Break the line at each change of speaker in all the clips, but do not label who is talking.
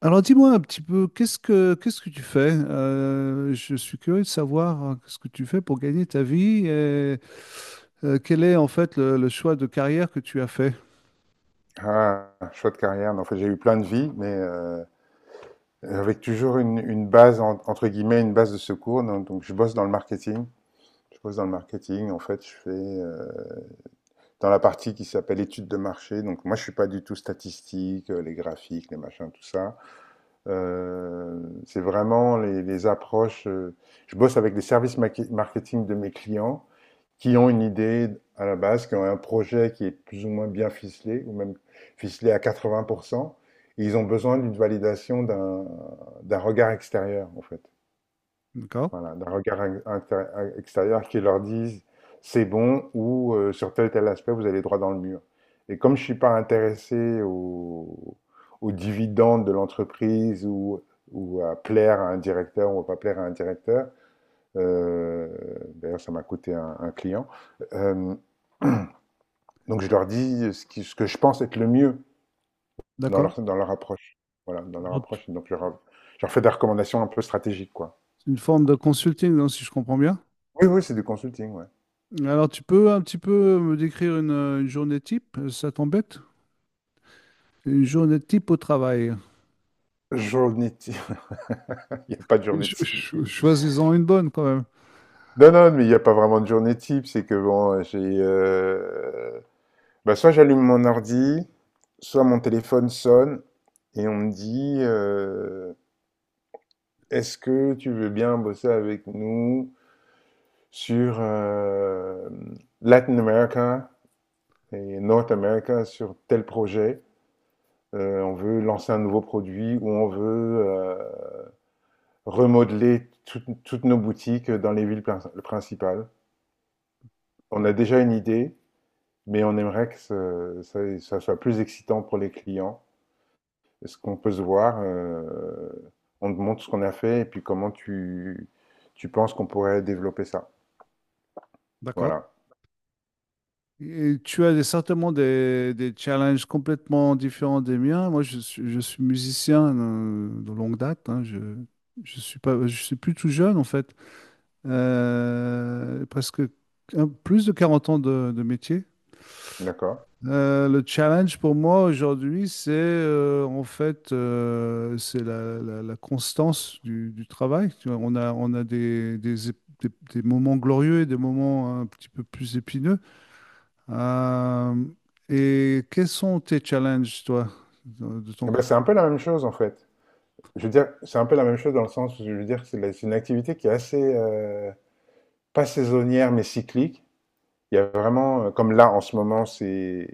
Alors dis-moi un petit peu, qu'est-ce que tu fais? Je suis curieux de savoir ce que tu fais pour gagner ta vie et quel est en fait le choix de carrière que tu as fait.
Ah, choix de carrière. Non, en fait, j'ai eu plein de vies, mais avec toujours une base, entre guillemets, une base de secours. Donc, je bosse dans le marketing. Je bosse dans le marketing. En fait, je fais dans la partie qui s'appelle études de marché. Donc, moi, je suis pas du tout statistique, les graphiques, les machins, tout ça. C'est vraiment les approches. Je bosse avec les services marketing de mes clients qui ont une idée à la base, qui ont un projet qui est plus ou moins bien ficelé, ou même ficelé à 80%. Et ils ont besoin d'une validation d'un regard extérieur, en fait.
D'accord?
Voilà, d'un regard inter- extérieur qui leur dise c'est bon ou sur tel aspect, vous allez droit dans le mur. Et comme je suis pas intéressé aux dividendes de l'entreprise ou à plaire à un directeur ou à pas plaire à un directeur, euh, d'ailleurs ça m'a coûté un client, euh, donc je leur dis ce que je pense être le mieux
D'accord.
dans leur approche. Voilà, dans leur
Donc,
approche. Je leur fais des recommandations un peu stratégiques, quoi.
c'est une forme de consulting, non, si je comprends bien.
Oui, oui, c'est du consulting, ouais.
Alors tu peux un petit peu me décrire une journée type, ça t'embête? Une journée type au travail.
Journée type. Il n'y a pas de journée type.
Choisis-en une bonne quand même.
Non, non, mais il n'y a pas vraiment de journée type. C'est que bon, j'ai. Bah, soit j'allume mon ordi, soit mon téléphone sonne et on me dit est-ce que tu veux bien bosser avec nous sur Latin America et North America sur tel projet. On veut lancer un nouveau produit ou on veut remodeler toutes nos boutiques dans les villes principales. On a déjà une idée, mais on aimerait que ça, ça soit plus excitant pour les clients. Est-ce qu'on peut se voir on te montre ce qu'on a fait et puis comment tu, tu penses qu'on pourrait développer ça.
D'accord.
Voilà,
Et certainement des challenges complètement différents des miens. Moi, je suis musicien de longue date, hein. Je suis pas, je suis plus tout jeune en fait. Presque plus de 40 ans de métier.
d'accord.
Le challenge pour moi aujourd'hui, c'est en fait c'est la constance du travail. Tu vois, on a des moments glorieux et des moments un petit peu plus épineux. Euh, et quels sont tes challenges, toi, de ton
Eh ben,
côté?
c'est un peu la même chose en fait. Je veux dire, c'est un peu la même chose dans le sens où je veux dire que c'est c'est une activité qui est assez pas saisonnière, mais cyclique. Il y a vraiment, comme là en ce moment,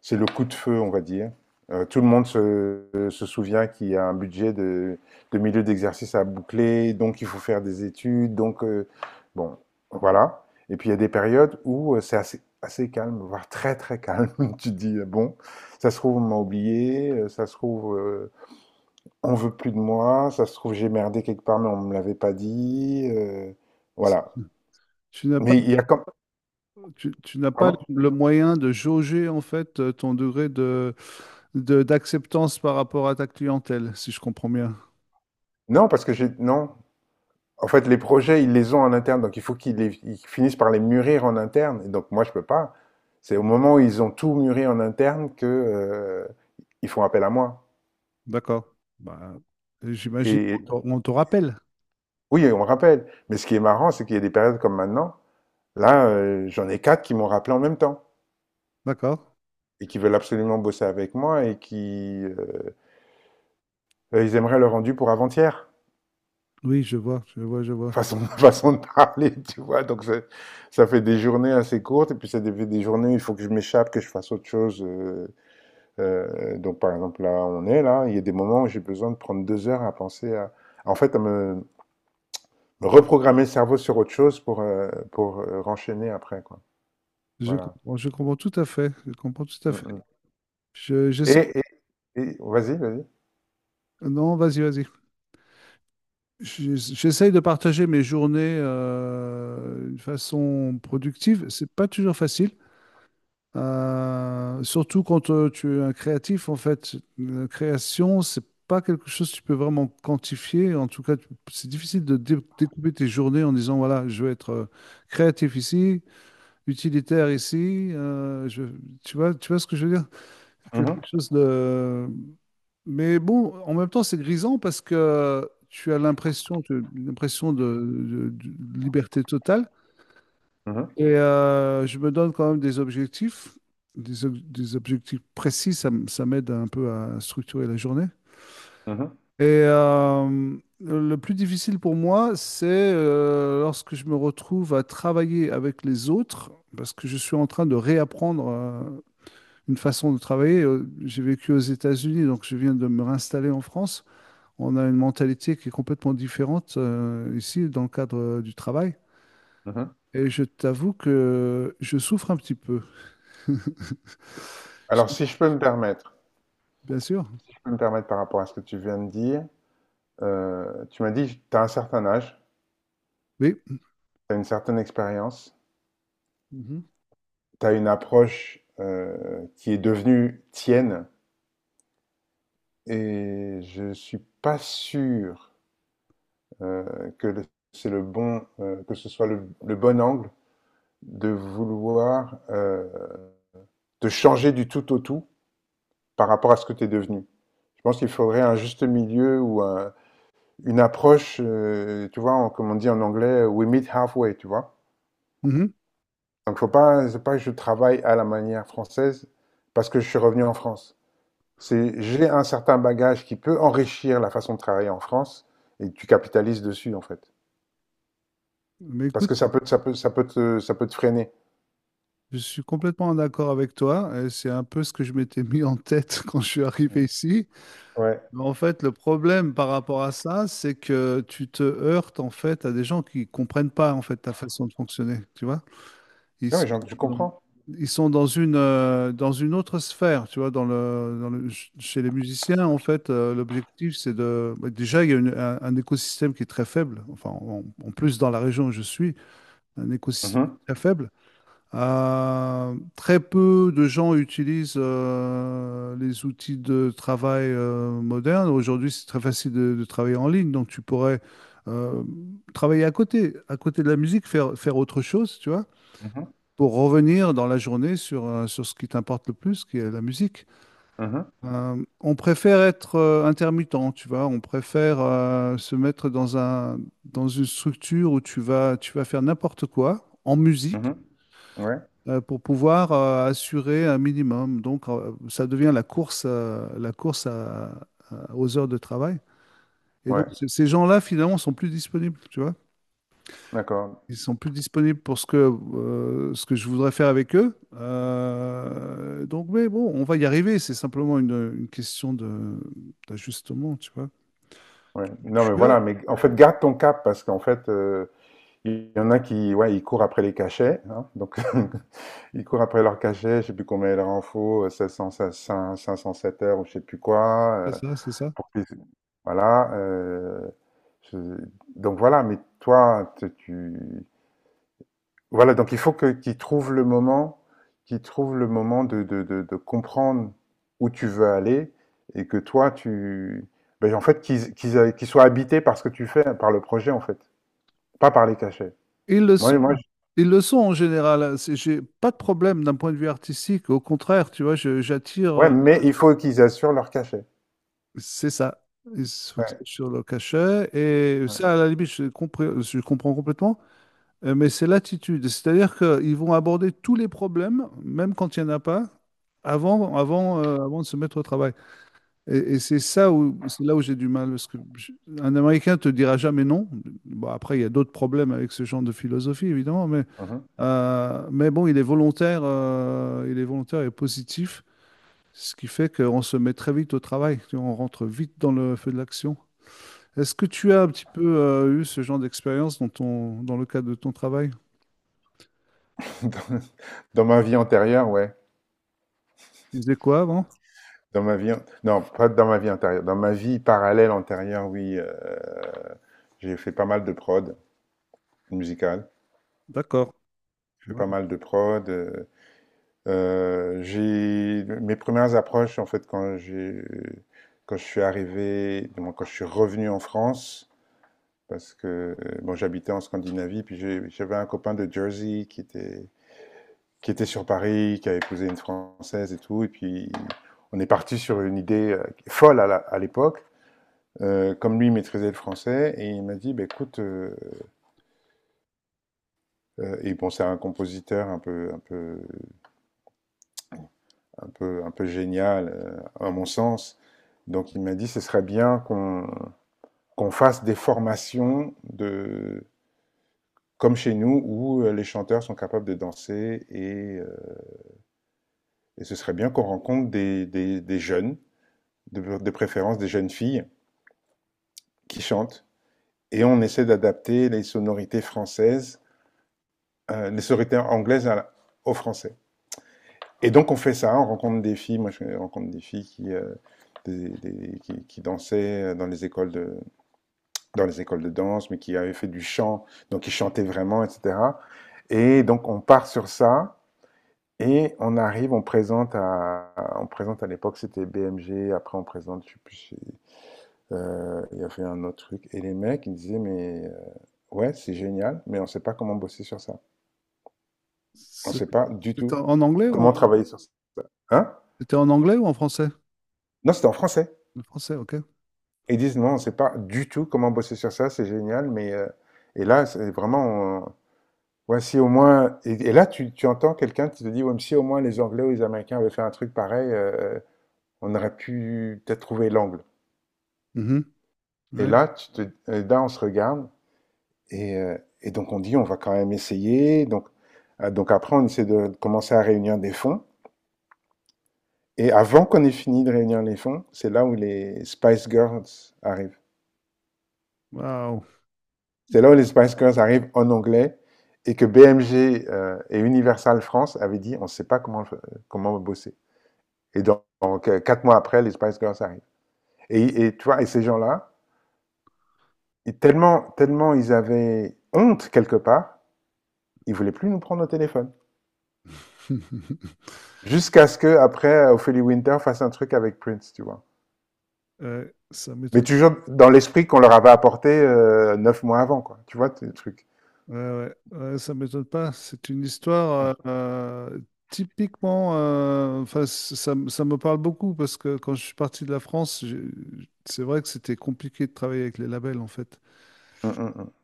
c'est le coup de feu, on va dire. Tout le monde se souvient qu'il y a un budget de milieu d'exercice à boucler, donc il faut faire des études, donc bon, voilà. Et puis il y a des périodes où c'est assez, assez calme, voire très très calme. Tu te dis, bon, ça se trouve, on m'a oublié, ça se trouve, on veut plus de moi, ça se trouve, j'ai merdé quelque part, mais on me l'avait pas dit. Voilà.
Tu n'as pas,
Mais il y a quand,
tu n'as pas
Pardon?
le moyen de jauger, en fait, ton degré de, d'acceptance par rapport à ta clientèle, si je comprends bien.
Non, parce que j'ai non. En fait, les projets, ils les ont en interne, donc il faut qu'ils ils finissent par les mûrir en interne. Et donc moi, je peux pas. C'est au moment où ils ont tout mûri en interne que ils font appel à moi.
D'accord. Bah, j'imagine qu'on
Et
on te rappelle.
oui, on me rappelle. Mais ce qui est marrant, c'est qu'il y a des périodes comme maintenant. Là, j'en ai 4 qui m'ont rappelé en même temps
D'accord.
et qui veulent absolument bosser avec moi et qui ils aimeraient le rendu pour avant-hier.
Oui, je vois, je vois, je vois.
Façon, façon de parler, tu vois. Donc, ça fait des journées assez courtes, et puis ça fait des journées où il faut que je m'échappe, que je fasse autre chose. Donc, par exemple, là, on est là, il y a des moments où j'ai besoin de prendre 2 heures à penser à, en fait, me reprogrammer le cerveau sur autre chose pour renchaîner après, quoi. Voilà.
Je comprends tout à fait. Je comprends tout à
Mm,
fait.
mm.
Je, j'essaie-
Et, et, vas-y, vas-y.
Non, vas-y, vas-y. J'essaye de partager mes journées d'une façon productive. C'est pas toujours facile, surtout quand tu es un créatif. En fait, la création, c'est pas quelque chose que tu peux vraiment quantifier. En tout cas, c'est difficile de découper tes journées en disant, voilà, je vais être créatif ici, utilitaire ici. Tu vois ce que je veux dire?
Mhm,
Quelque chose de. Mais bon, en même temps, c'est grisant parce que tu as l'impression de, de liberté totale.
mhm,
Et je me donne quand même des objectifs, des objectifs précis. Ça, ça m'aide un peu à structurer la journée.
mhm,
Et le plus difficile pour moi, c'est lorsque je me retrouve à travailler avec les autres, parce que je suis en train de réapprendre une façon de travailler. J'ai vécu aux États-Unis, donc je viens de me réinstaller en France. On a une mentalité qui est complètement différente ici dans le cadre du travail.
mhm.
Et je t'avoue que je souffre un petit peu.
Alors,
Je-
si je peux me permettre,
Bien sûr.
si je peux me permettre par rapport à ce que tu viens de dire, tu m'as dit, tu as un certain âge,
Oui.
tu as une certaine expérience.
Mhm.
Tu as une approche qui est devenue tienne et je suis pas sûr euh, que le- c'est le bon, que ce soit le bon angle de vouloir te changer du tout au tout par rapport à ce que tu es devenu. Je pense qu'il faudrait un juste milieu ou une approche, tu vois, comme on dit en anglais, we meet halfway, tu vois.
Mhm.
Donc faut pas, c'est pas que je travaille à la manière française parce que je suis revenu en France. C'est j'ai un certain bagage qui peut enrichir la façon de travailler en France et tu capitalises dessus en fait.
Mais
Parce
écoute,
que ça peut, ça peut, ça peut te freiner.
je suis complètement en accord avec toi. Et c'est un peu ce que je m'étais mis en tête quand je suis arrivé ici.
Ouais.
Mais en fait, le problème par rapport à ça, c'est que tu te heurtes en fait à des gens qui comprennent pas en fait ta façon de fonctionner. Tu vois? Ils
Non, mais
sont
je
dans,
comprends.
ils sont dans une autre sphère, tu vois, dans chez les musiciens, en fait, l'objectif, c'est de... Bah, déjà, il y a un écosystème qui est très faible, enfin, en, en plus, dans la région où je suis, un écosystème
Mhm,
très faible. Très peu de gens utilisent les outils de travail modernes. Aujourd'hui, c'est très facile de travailler en ligne, donc tu pourrais euh, travailler à côté de la musique, faire, faire autre chose, tu vois,
mhm,
pour revenir dans la journée sur, sur ce qui t'importe le plus, qui est la musique.
mhm,
On préfère être intermittent, tu vois, on préfère se mettre dans une structure où tu vas faire n'importe quoi en musique
mhm. Ouais,
pour pouvoir assurer un minimum. Donc, ça devient la course aux heures de travail. Et donc,
ouais,
ces gens-là, finalement, sont plus disponibles, tu vois.
d'accord.
Ils sont plus disponibles pour ce que je voudrais faire avec eux. Donc, mais bon, on va y arriver. C'est simplement une question de, d'ajustement, tu vois.
Ouais. Non, mais
Tu as-
voilà, mais en fait, garde ton cap parce qu'en fait, il y en a qui, ouais, ils courent après les cachets. Hein, donc, ils courent après leurs cachets, je sais plus combien il leur en faut, 700, cinq 500, 7 heures ou je sais plus quoi.
C'est ça, c'est ça.
Pour que- voilà. Je- donc voilà, mais toi, voilà. Donc il faut que qu'ils trouvent le moment, qu'ils trouvent le moment de comprendre où tu veux aller et que toi, tu, ben, en fait, qu'ils qu'ils soient habités par ce que tu fais, par le projet en fait, pas par les cachets.
Ils le
Moi,
sont.
moi,
Ils le sont en général. C'est- J'ai pas de problème d'un point de vue artistique. Au contraire, tu vois, j'attire.
ouais, mais il faut qu'ils assurent leur cachet.
C'est ça. Ils se focalisent
Ouais.
sur le cachet. Et ça,
Ouais,
à la limite, je comprends complètement. Mais c'est l'attitude. C'est-à-dire qu'ils vont aborder tous les problèmes, même quand il n'y en a pas, avant de se mettre au travail. Et c'est ça où, c'est là où j'ai du mal. Parce que un Américain te dira jamais non. Bon, après, il y a d'autres problèmes avec ce genre de philosophie, évidemment.
mhm.
Mais bon, il est volontaire et positif. Ce qui fait qu'on se met très vite au travail. Tu vois, on rentre vite dans le feu de l'action. Est-ce que tu as un petit peu eu ce genre d'expérience dans ton, dans le cadre de ton travail?
Dans, dans ma vie antérieure, ouais.
Tu faisais quoi avant?
Dans ma vie, non, pas dans ma vie antérieure. Dans ma vie parallèle antérieure, oui. J'ai fait pas mal de prod musicale.
D'accord.
J'ai fait
Ouais.
pas mal de prod. J'ai mes premières approches en fait quand je suis arrivé, du moins, quand je suis revenu en France, parce que bon, j'habitais en Scandinavie, puis j'avais un copain de Jersey qui était sur Paris, qui a épousé une Française et tout, et puis on est parti sur une idée folle à à l'époque. Comme lui maîtrisait le français, et il m'a dit, bah, écoute, et bon, c'est un compositeur un peu génial, à mon sens. Donc il m'a dit, ce serait bien qu'on fasse des formations de, comme chez nous, où les chanteurs sont capables de danser, et ce serait bien qu'on rencontre des jeunes, de préférence des jeunes filles, qui chantent. Et on essaie d'adapter les sonorités françaises, les sonorités anglaises à aux français. Et donc on fait ça, on rencontre des filles, moi je rencontre des filles qui... qui dansaient dans les écoles de, dans les écoles de danse, mais qui avait fait du chant, donc qui chantait vraiment, etc. Et donc on part sur ça et on arrive, on présente à l'époque c'était BMG, après on présente, je sais plus, si, il y avait un autre truc. Et les mecs ils disaient mais ouais c'est génial, mais on sait pas comment bosser sur ça. On
C'est-
sait pas du
C'était
tout
en anglais ou en,
comment travailler sur ça. Hein?
c'était en anglais ou en français?
Non c'était en français.
Le français, ok.
Ils disent non on sait pas du tout comment bosser sur ça, c'est génial, mais et là c'est vraiment ouais, si au moins. Et là, tu entends quelqu'un qui te dit, ouais, mais si au moins les Anglais ou les Américains avaient fait un truc pareil, on aurait pu peut-être trouver l'angle.
Mhm.
Et
Ouais.
là, tu te, et là, on se regarde et, euh, et donc on dit, on va quand même essayer. Donc après, on essaie de commencer à réunir des fonds. Et avant qu'on ait fini de réunir les fonds, c'est là où les Spice Girls arrivent.
Waouh.
C'est là où les Spice Girls arrivent en anglais et que BMG et Universal France avaient dit, on ne sait pas comment, comment bosser. Et donc, 4 mois après, les Spice Girls arrivent. Et tu vois, et ces gens-là, tellement, tellement ils avaient honte quelque part, ils voulaient plus nous prendre au téléphone. Jusqu'à ce que après, Ophélie Winter fasse un truc avec Prince, tu vois.
Ouais, ça
Mais
m'étonne.
toujours dans l'esprit qu'on leur avait apporté 9 mois avant, quoi. Tu vois, ce truc.
Ouais, ouais. Ouais, ça m'étonne pas. C'est une histoire euh, typiquement. Euh, enfin, ça, ça me parle beaucoup parce que quand je suis parti de la France, j'ai- c'est vrai que c'était compliqué de travailler avec les labels en fait.
Hum, hum, hum.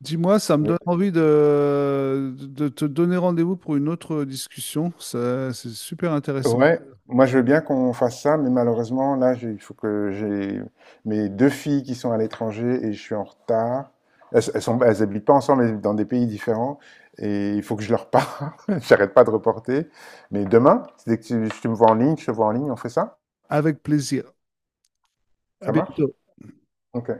Dis-moi, ça me donne envie de te donner rendez-vous pour une autre discussion. Ça- C'est super intéressant.
Ouais, moi je veux bien qu'on fasse ça, mais malheureusement, là, il faut que j'ai mes 2 filles qui sont à l'étranger et je suis en retard. Elles habitent pas ensemble, mais dans des pays différents. Et il faut que je leur parle. J'arrête pas de reporter. Mais demain, dès que tu me vois en ligne, je te vois en ligne, on fait ça?
Avec plaisir. À
Ça marche?
bientôt.
Ok.